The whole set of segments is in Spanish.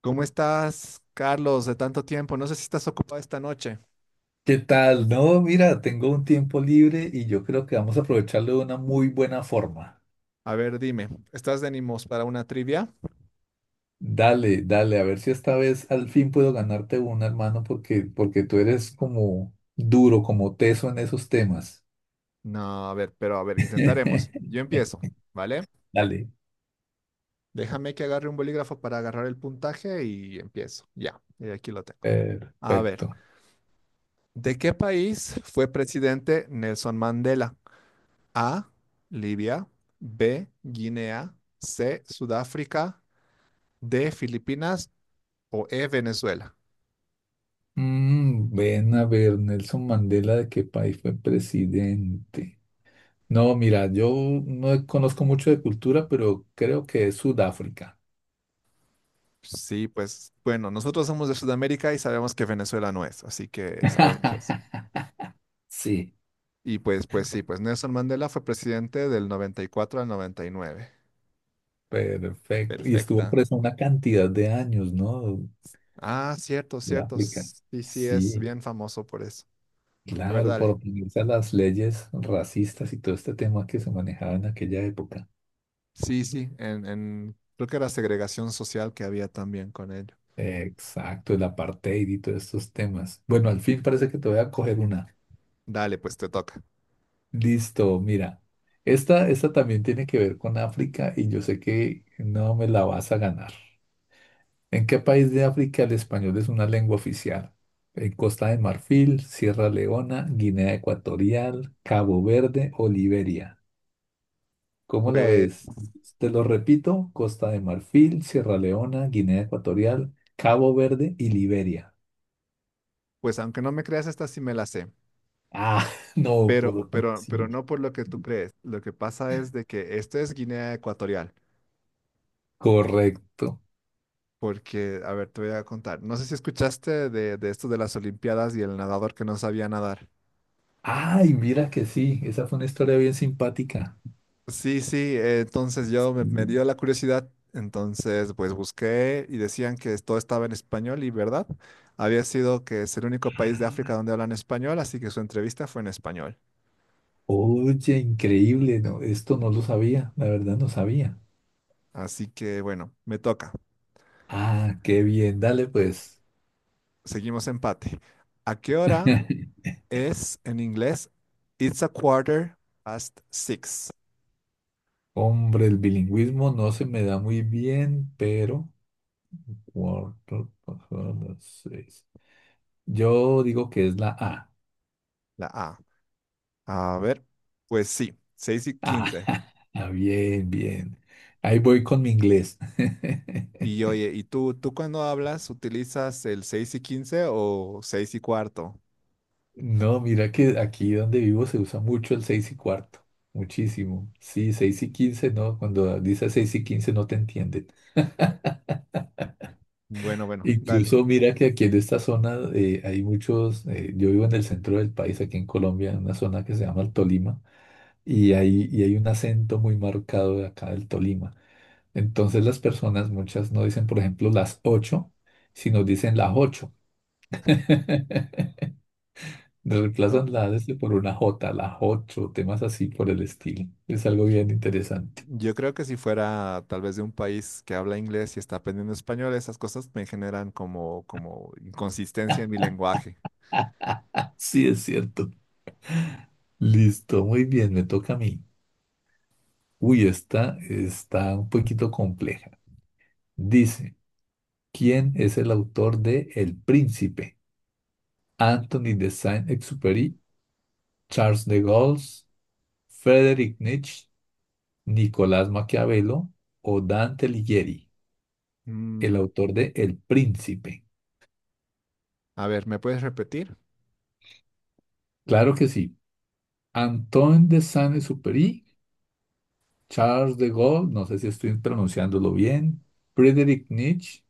¿Cómo estás, Carlos, de tanto tiempo? No sé si estás ocupado esta noche. ¿Qué tal? No, mira, tengo un tiempo libre y yo creo que vamos a aprovecharlo de una muy buena forma. A ver, dime, ¿estás de ánimos para una trivia? Dale, dale, a ver si esta vez al fin puedo ganarte una, hermano, porque tú eres como duro, como teso en esos temas. No, a ver, pero a ver, intentaremos. Yo empiezo, ¿vale? Dale. Déjame que agarre un bolígrafo para agarrar el puntaje y empiezo. Ya, y aquí lo tengo. A ver, Perfecto. ¿de qué país fue presidente Nelson Mandela? A, Libia, B, Guinea, C, Sudáfrica, D, Filipinas o E, Venezuela. Ven a ver, Nelson Mandela, ¿de qué país fue presidente? No, mira, yo no conozco mucho de cultura, pero creo que es Sudáfrica. Sí, pues bueno, nosotros somos de Sudamérica y sabemos que Venezuela no es, así que sabemos eso. Sí. Y pues, pues sí, pues Nelson Mandela fue presidente del 94 al 99. Perfecto. Y estuvo Perfecta. presa una cantidad de años, ¿no? Ah, cierto, De cierto. África. Sí, sí, es Sí, bien famoso por eso. A ver, claro, por dale. oponerse a las leyes racistas y todo este tema que se manejaba en aquella época. Sí, sí, creo que era segregación social que había también con ello. Exacto, el apartheid y todos estos temas. Bueno, al fin parece que te voy a coger una. Dale, pues te toca. Listo, mira. Esta también tiene que ver con África y yo sé que no me la vas a ganar. ¿En qué país de África el español es una lengua oficial? En Costa de Marfil, Sierra Leona, Guinea Ecuatorial, Cabo Verde o Liberia. ¿Cómo la Pues, ves? Te lo repito, Costa de Marfil, Sierra Leona, Guinea Ecuatorial, Cabo Verde y Liberia. pues aunque no me creas, esta sí me la sé. Ah, no, Pero, pero, pero sí, no por lo que tú crees. Lo que pasa es de que esto es Guinea Ecuatorial. correcto. Porque, a ver, te voy a contar. No sé si escuchaste de esto de las Olimpiadas y el nadador que no sabía nadar. Ay, mira que sí, esa fue una historia bien simpática. Sí, sí, entonces yo me dio la curiosidad, entonces pues busqué y decían que todo estaba en español y verdad, había sido que es el único país de África donde hablan español, así que su entrevista fue en español. Oye, increíble, no, esto no lo sabía, la verdad no sabía. Así que bueno, me toca. Ah, qué bien, dale pues. Seguimos empate. ¿A qué hora es en inglés? It's a quarter past six, Hombre, el bilingüismo no se me da muy bien, pero cuatro, cuatro, seis. Yo digo que es la A. la A. A ver, pues sí, 6 y Ah, 15. ah, bien, bien. Ahí voy con mi inglés. Y oye, ¿y tú, cuando hablas utilizas el 6 y 15 o 6 y cuarto? No, mira que aquí donde vivo se usa mucho el seis y cuarto. Muchísimo. Sí, seis y quince, no, cuando dice seis y quince no te entienden. Bueno, bueno, dale. Incluso mira que aquí en esta zona hay muchos, yo vivo en el centro del país, aquí en Colombia, en una zona que se llama el Tolima, y hay un acento muy marcado de acá del Tolima. Entonces las personas, muchas no dicen, por ejemplo, las ocho, sino dicen las ocho. No, Reemplazan la S por una J, las ocho, temas así por el estilo. Es algo bien interesante. yo creo que si fuera tal vez de un país que habla inglés y está aprendiendo español, esas cosas me generan como inconsistencia en mi lenguaje. Sí, es cierto. Listo, muy bien, me toca a mí. Uy, esta está un poquito compleja. Dice. ¿Quién es el autor de El Príncipe? Anthony de Saint-Exupéry, Charles de Gaulle, Friedrich Nietzsche, Nicolás Maquiavelo o Dante Alighieri, el Mm, autor de El Príncipe. a ver, ¿me puedes repetir? Claro que sí. Antoine de Saint-Exupéry, Charles de Gaulle, no sé si estoy pronunciándolo bien, Friedrich Nietzsche,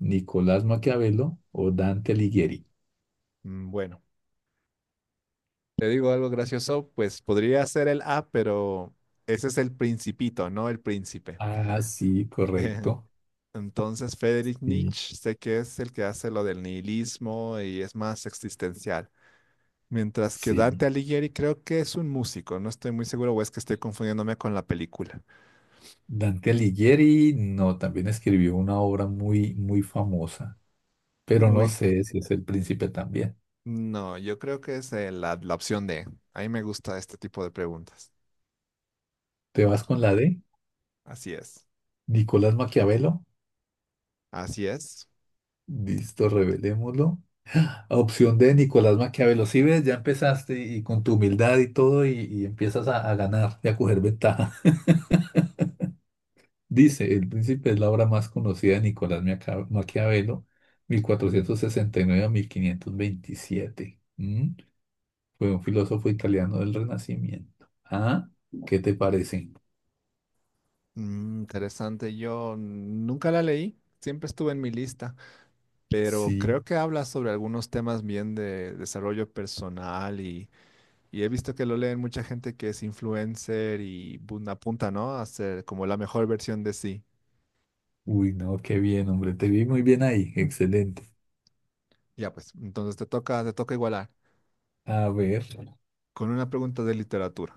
Nicolás Maquiavelo o Dante Alighieri. Bueno, te digo algo gracioso, pues podría ser el A, pero ese es el principito, no el príncipe. Ah, sí, correcto. Entonces, Friedrich Sí, Nietzsche sé que es el que hace lo del nihilismo y es más existencial. Mientras que sí. Dante Alighieri creo que es un músico, no estoy muy seguro o es que estoy confundiéndome con la película. Dante Alighieri no, también escribió una obra muy, muy famosa, pero no Uy, sé si es el príncipe también. no, yo creo que es la opción D. A mí me gusta este tipo de preguntas. ¿Te vas Maki. con la D? Así es, Nicolás Maquiavelo. así es. Listo, revelémoslo. Opción D, Nicolás Maquiavelo. Si ves, ya empezaste y con tu humildad y todo, y empiezas a ganar y a coger ventaja. Dice, El Príncipe es la obra más conocida de Nicolás Maquiavelo, 1469 a 1527. Fue un filósofo italiano del Renacimiento. ¿Ah? ¿Qué te parece? Mm, interesante, yo nunca la leí, siempre estuve en mi lista, pero Sí. creo que habla sobre algunos temas bien de desarrollo personal. Y he visto que lo leen mucha gente que es influencer y bun- apunta, ¿no? A ser como la mejor versión de sí. Uy, no, qué bien, hombre. Te vi muy bien ahí. Excelente. Ya pues, entonces te toca igualar. A ver, Con una pregunta de literatura.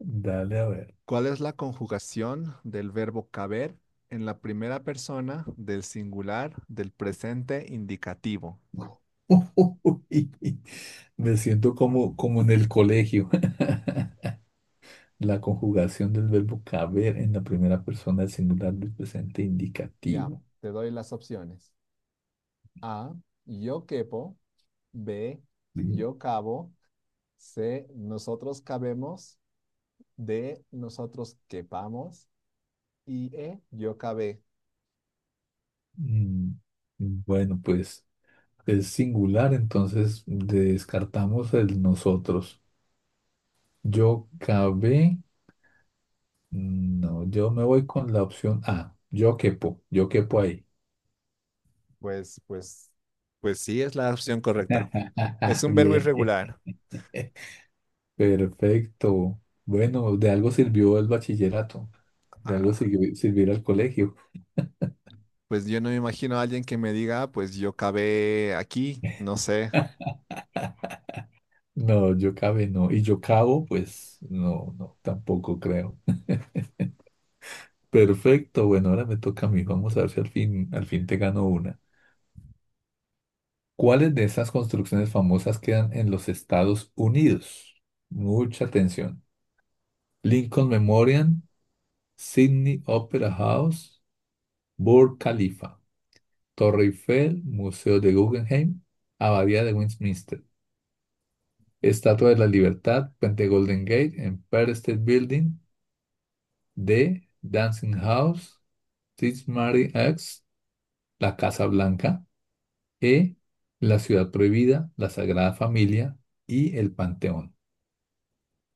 dale a ver. ¿Cuál es la conjugación del verbo caber en la primera persona del singular del presente indicativo? Uy, me siento como en el colegio. La conjugación del verbo caber en la primera persona del singular del presente Ya, indicativo. te doy las opciones. A, yo quepo. B, Sí. yo cabo. C, nosotros cabemos. D, nosotros quepamos. Y E, yo cabé. Mm, Bueno, pues es singular, entonces descartamos el nosotros. Yo cabé. No, yo me voy con la opción A. Yo quepo ahí. Pues, pues, pues sí, es la opción correcta. Es un verbo Bien, bien. irregular. Perfecto. Bueno, de algo sirvió el bachillerato, de algo Ah, sirvió ir al colegio. pues yo no me imagino a alguien que me diga, "Ah, pues yo cabé aquí, no sé." No, yo cabe no. Y yo cabo, pues no, no, tampoco creo. Perfecto, bueno, ahora me toca a mí. Vamos a ver si al fin, al fin te gano una. ¿Cuáles de esas construcciones famosas quedan en los Estados Unidos? Mucha atención. Lincoln Memorial, Sydney Opera House, Burj Khalifa, Torre Eiffel, Museo de Guggenheim, Abadía de Westminster, Estatua de la Libertad, Puente Golden Gate, Empire State Building, D, Dancing House, St. Mary X, la Casa Blanca, E, la Ciudad Prohibida, la Sagrada Familia y el Panteón.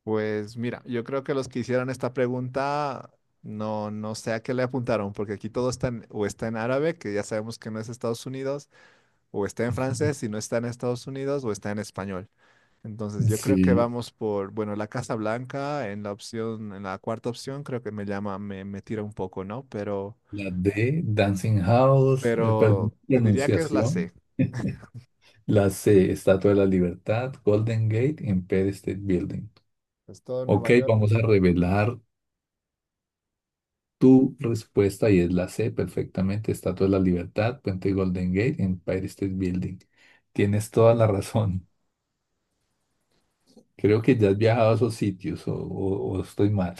Pues mira, yo creo que los que hicieron esta pregunta no, no sé a qué le apuntaron, porque aquí todo está en, o está en árabe, que ya sabemos que no es Estados Unidos, o está en francés si no está en Estados Unidos, o está en español. Entonces, yo creo que Sí, vamos por, bueno, la Casa Blanca en la opción, en la cuarta opción, creo que me llama, me tira un poco, ¿no? La D, Dancing House, perdón, Pero te diría que es la pronunciación. C. La C, Estatua de la Libertad, Golden Gate, Empire State Building. Es todo Ok, Nueva York. vamos a revelar tu respuesta y es la C, perfectamente. Estatua de la Libertad, Puente Golden Gate, Empire State Building. Tienes toda la razón. Creo que ya has viajado a esos sitios o estoy mal.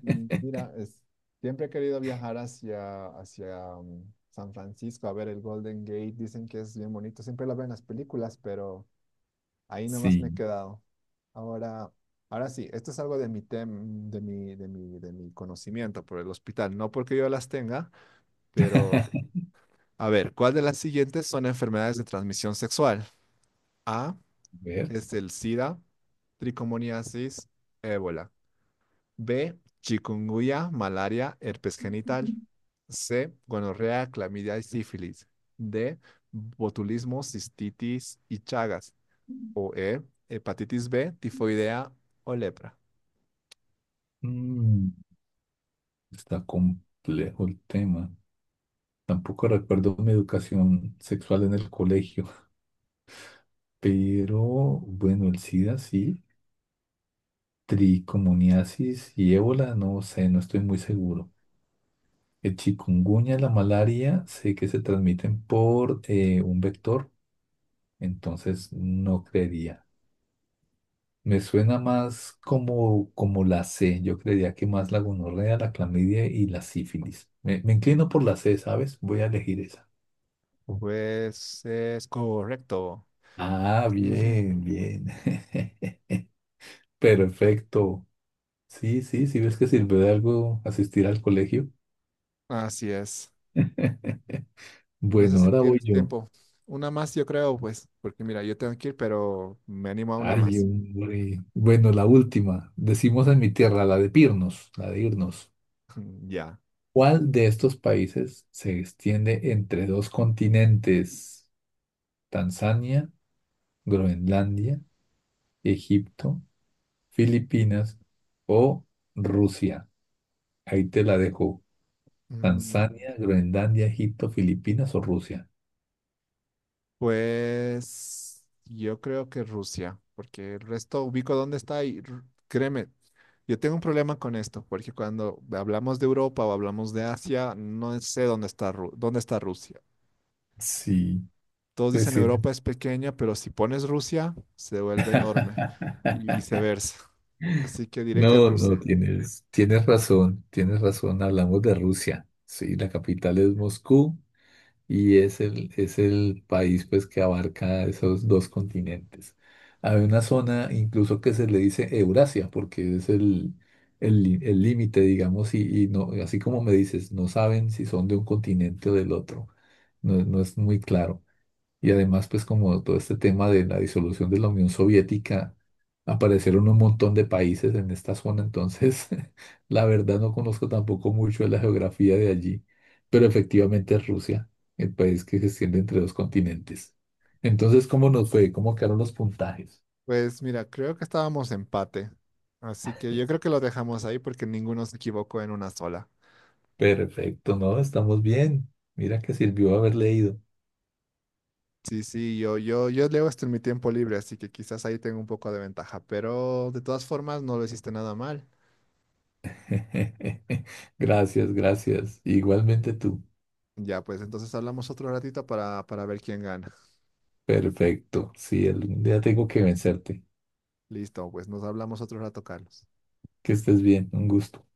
Mm, mira, siempre he querido viajar hacia San Francisco a ver el Golden Gate. Dicen que es bien bonito. Siempre lo veo en las películas, pero ahí nomás me he Sí. quedado. Ahora, ahora sí, esto es algo de mi tem, de mi conocimiento por el hospital. No porque yo las tenga, pero a ver, ¿cuál de las siguientes son enfermedades de transmisión sexual? A ver. es el SIDA, tricomoniasis, ébola. B, chikungunya, malaria, herpes genital. C, gonorrea, clamidia y sífilis. D, botulismo, cistitis y chagas. O E, hepatitis B, tifoidea o lepra. Mm, está complejo el tema. Tampoco recuerdo mi educación sexual en el colegio, pero bueno, el SIDA sí. Tricomoniasis y ébola, no sé, no estoy muy seguro. El chikungunya, la malaria, sé que se transmiten por un vector, entonces no creería. Me suena más como la C, yo creería que más la gonorrea, la clamidia y la sífilis. Me inclino por la C, ¿sabes? Voy a elegir esa. Pues es correcto. Ah, Ujú, bien, bien. Perfecto. Sí, sí, sí ves que sirvió de algo asistir al colegio. así es. No sé Bueno, si ahora voy tienes yo. tiempo. Una más, yo creo, pues, porque mira, yo tengo que ir, pero me animo a una Ay, más. hombre. Bueno, la última. Decimos en mi tierra, la de Pirnos, la de irnos. Ya. ¿Cuál de estos países se extiende entre dos continentes? Tanzania, Groenlandia, Egipto, Filipinas o Rusia. Ahí te la dejo. Mm, Tanzania, Groenlandia, Egipto, Filipinas o Rusia. pues yo creo que Rusia, porque el resto ubico dónde está y r- créeme, yo tengo un problema con esto, porque cuando hablamos de Europa o hablamos de Asia, no sé dónde está, Ru- dónde está Rusia. Sí, Todos pues dicen sí. Europa es pequeña, pero si pones Rusia, se vuelve enorme y viceversa. Así que diré que es No, no, Rusia. tienes razón, tienes razón. Hablamos de Rusia. Sí, la capital es Moscú y es el país pues, que abarca esos dos continentes. Hay una zona incluso que se le dice Eurasia porque es el límite, digamos, y no, así como me dices, no saben si son de un continente o del otro. No, no es muy claro. Y además, pues como todo este tema de la disolución de la Unión Soviética, aparecieron un montón de países en esta zona, entonces la verdad no conozco tampoco mucho de la geografía de allí, pero efectivamente es Rusia, el país que se extiende entre dos continentes. Entonces, ¿cómo nos fue? ¿Cómo quedaron los puntajes? Pues mira, creo que estábamos empate. Así que yo creo que lo dejamos ahí porque ninguno se equivocó en una sola. Perfecto, ¿no? Estamos bien. Mira que sirvió haber leído. Sí, sí, yo leo esto en mi tiempo libre, así que quizás ahí tengo un poco de ventaja. Pero de todas formas, no lo hiciste nada mal. Gracias, gracias. Igualmente tú. Ya, pues entonces hablamos otro ratito para ver quién gana. Perfecto. Sí, algún día tengo que vencerte. Listo, pues nos hablamos otro rato, Carlos. Que estés bien, un gusto.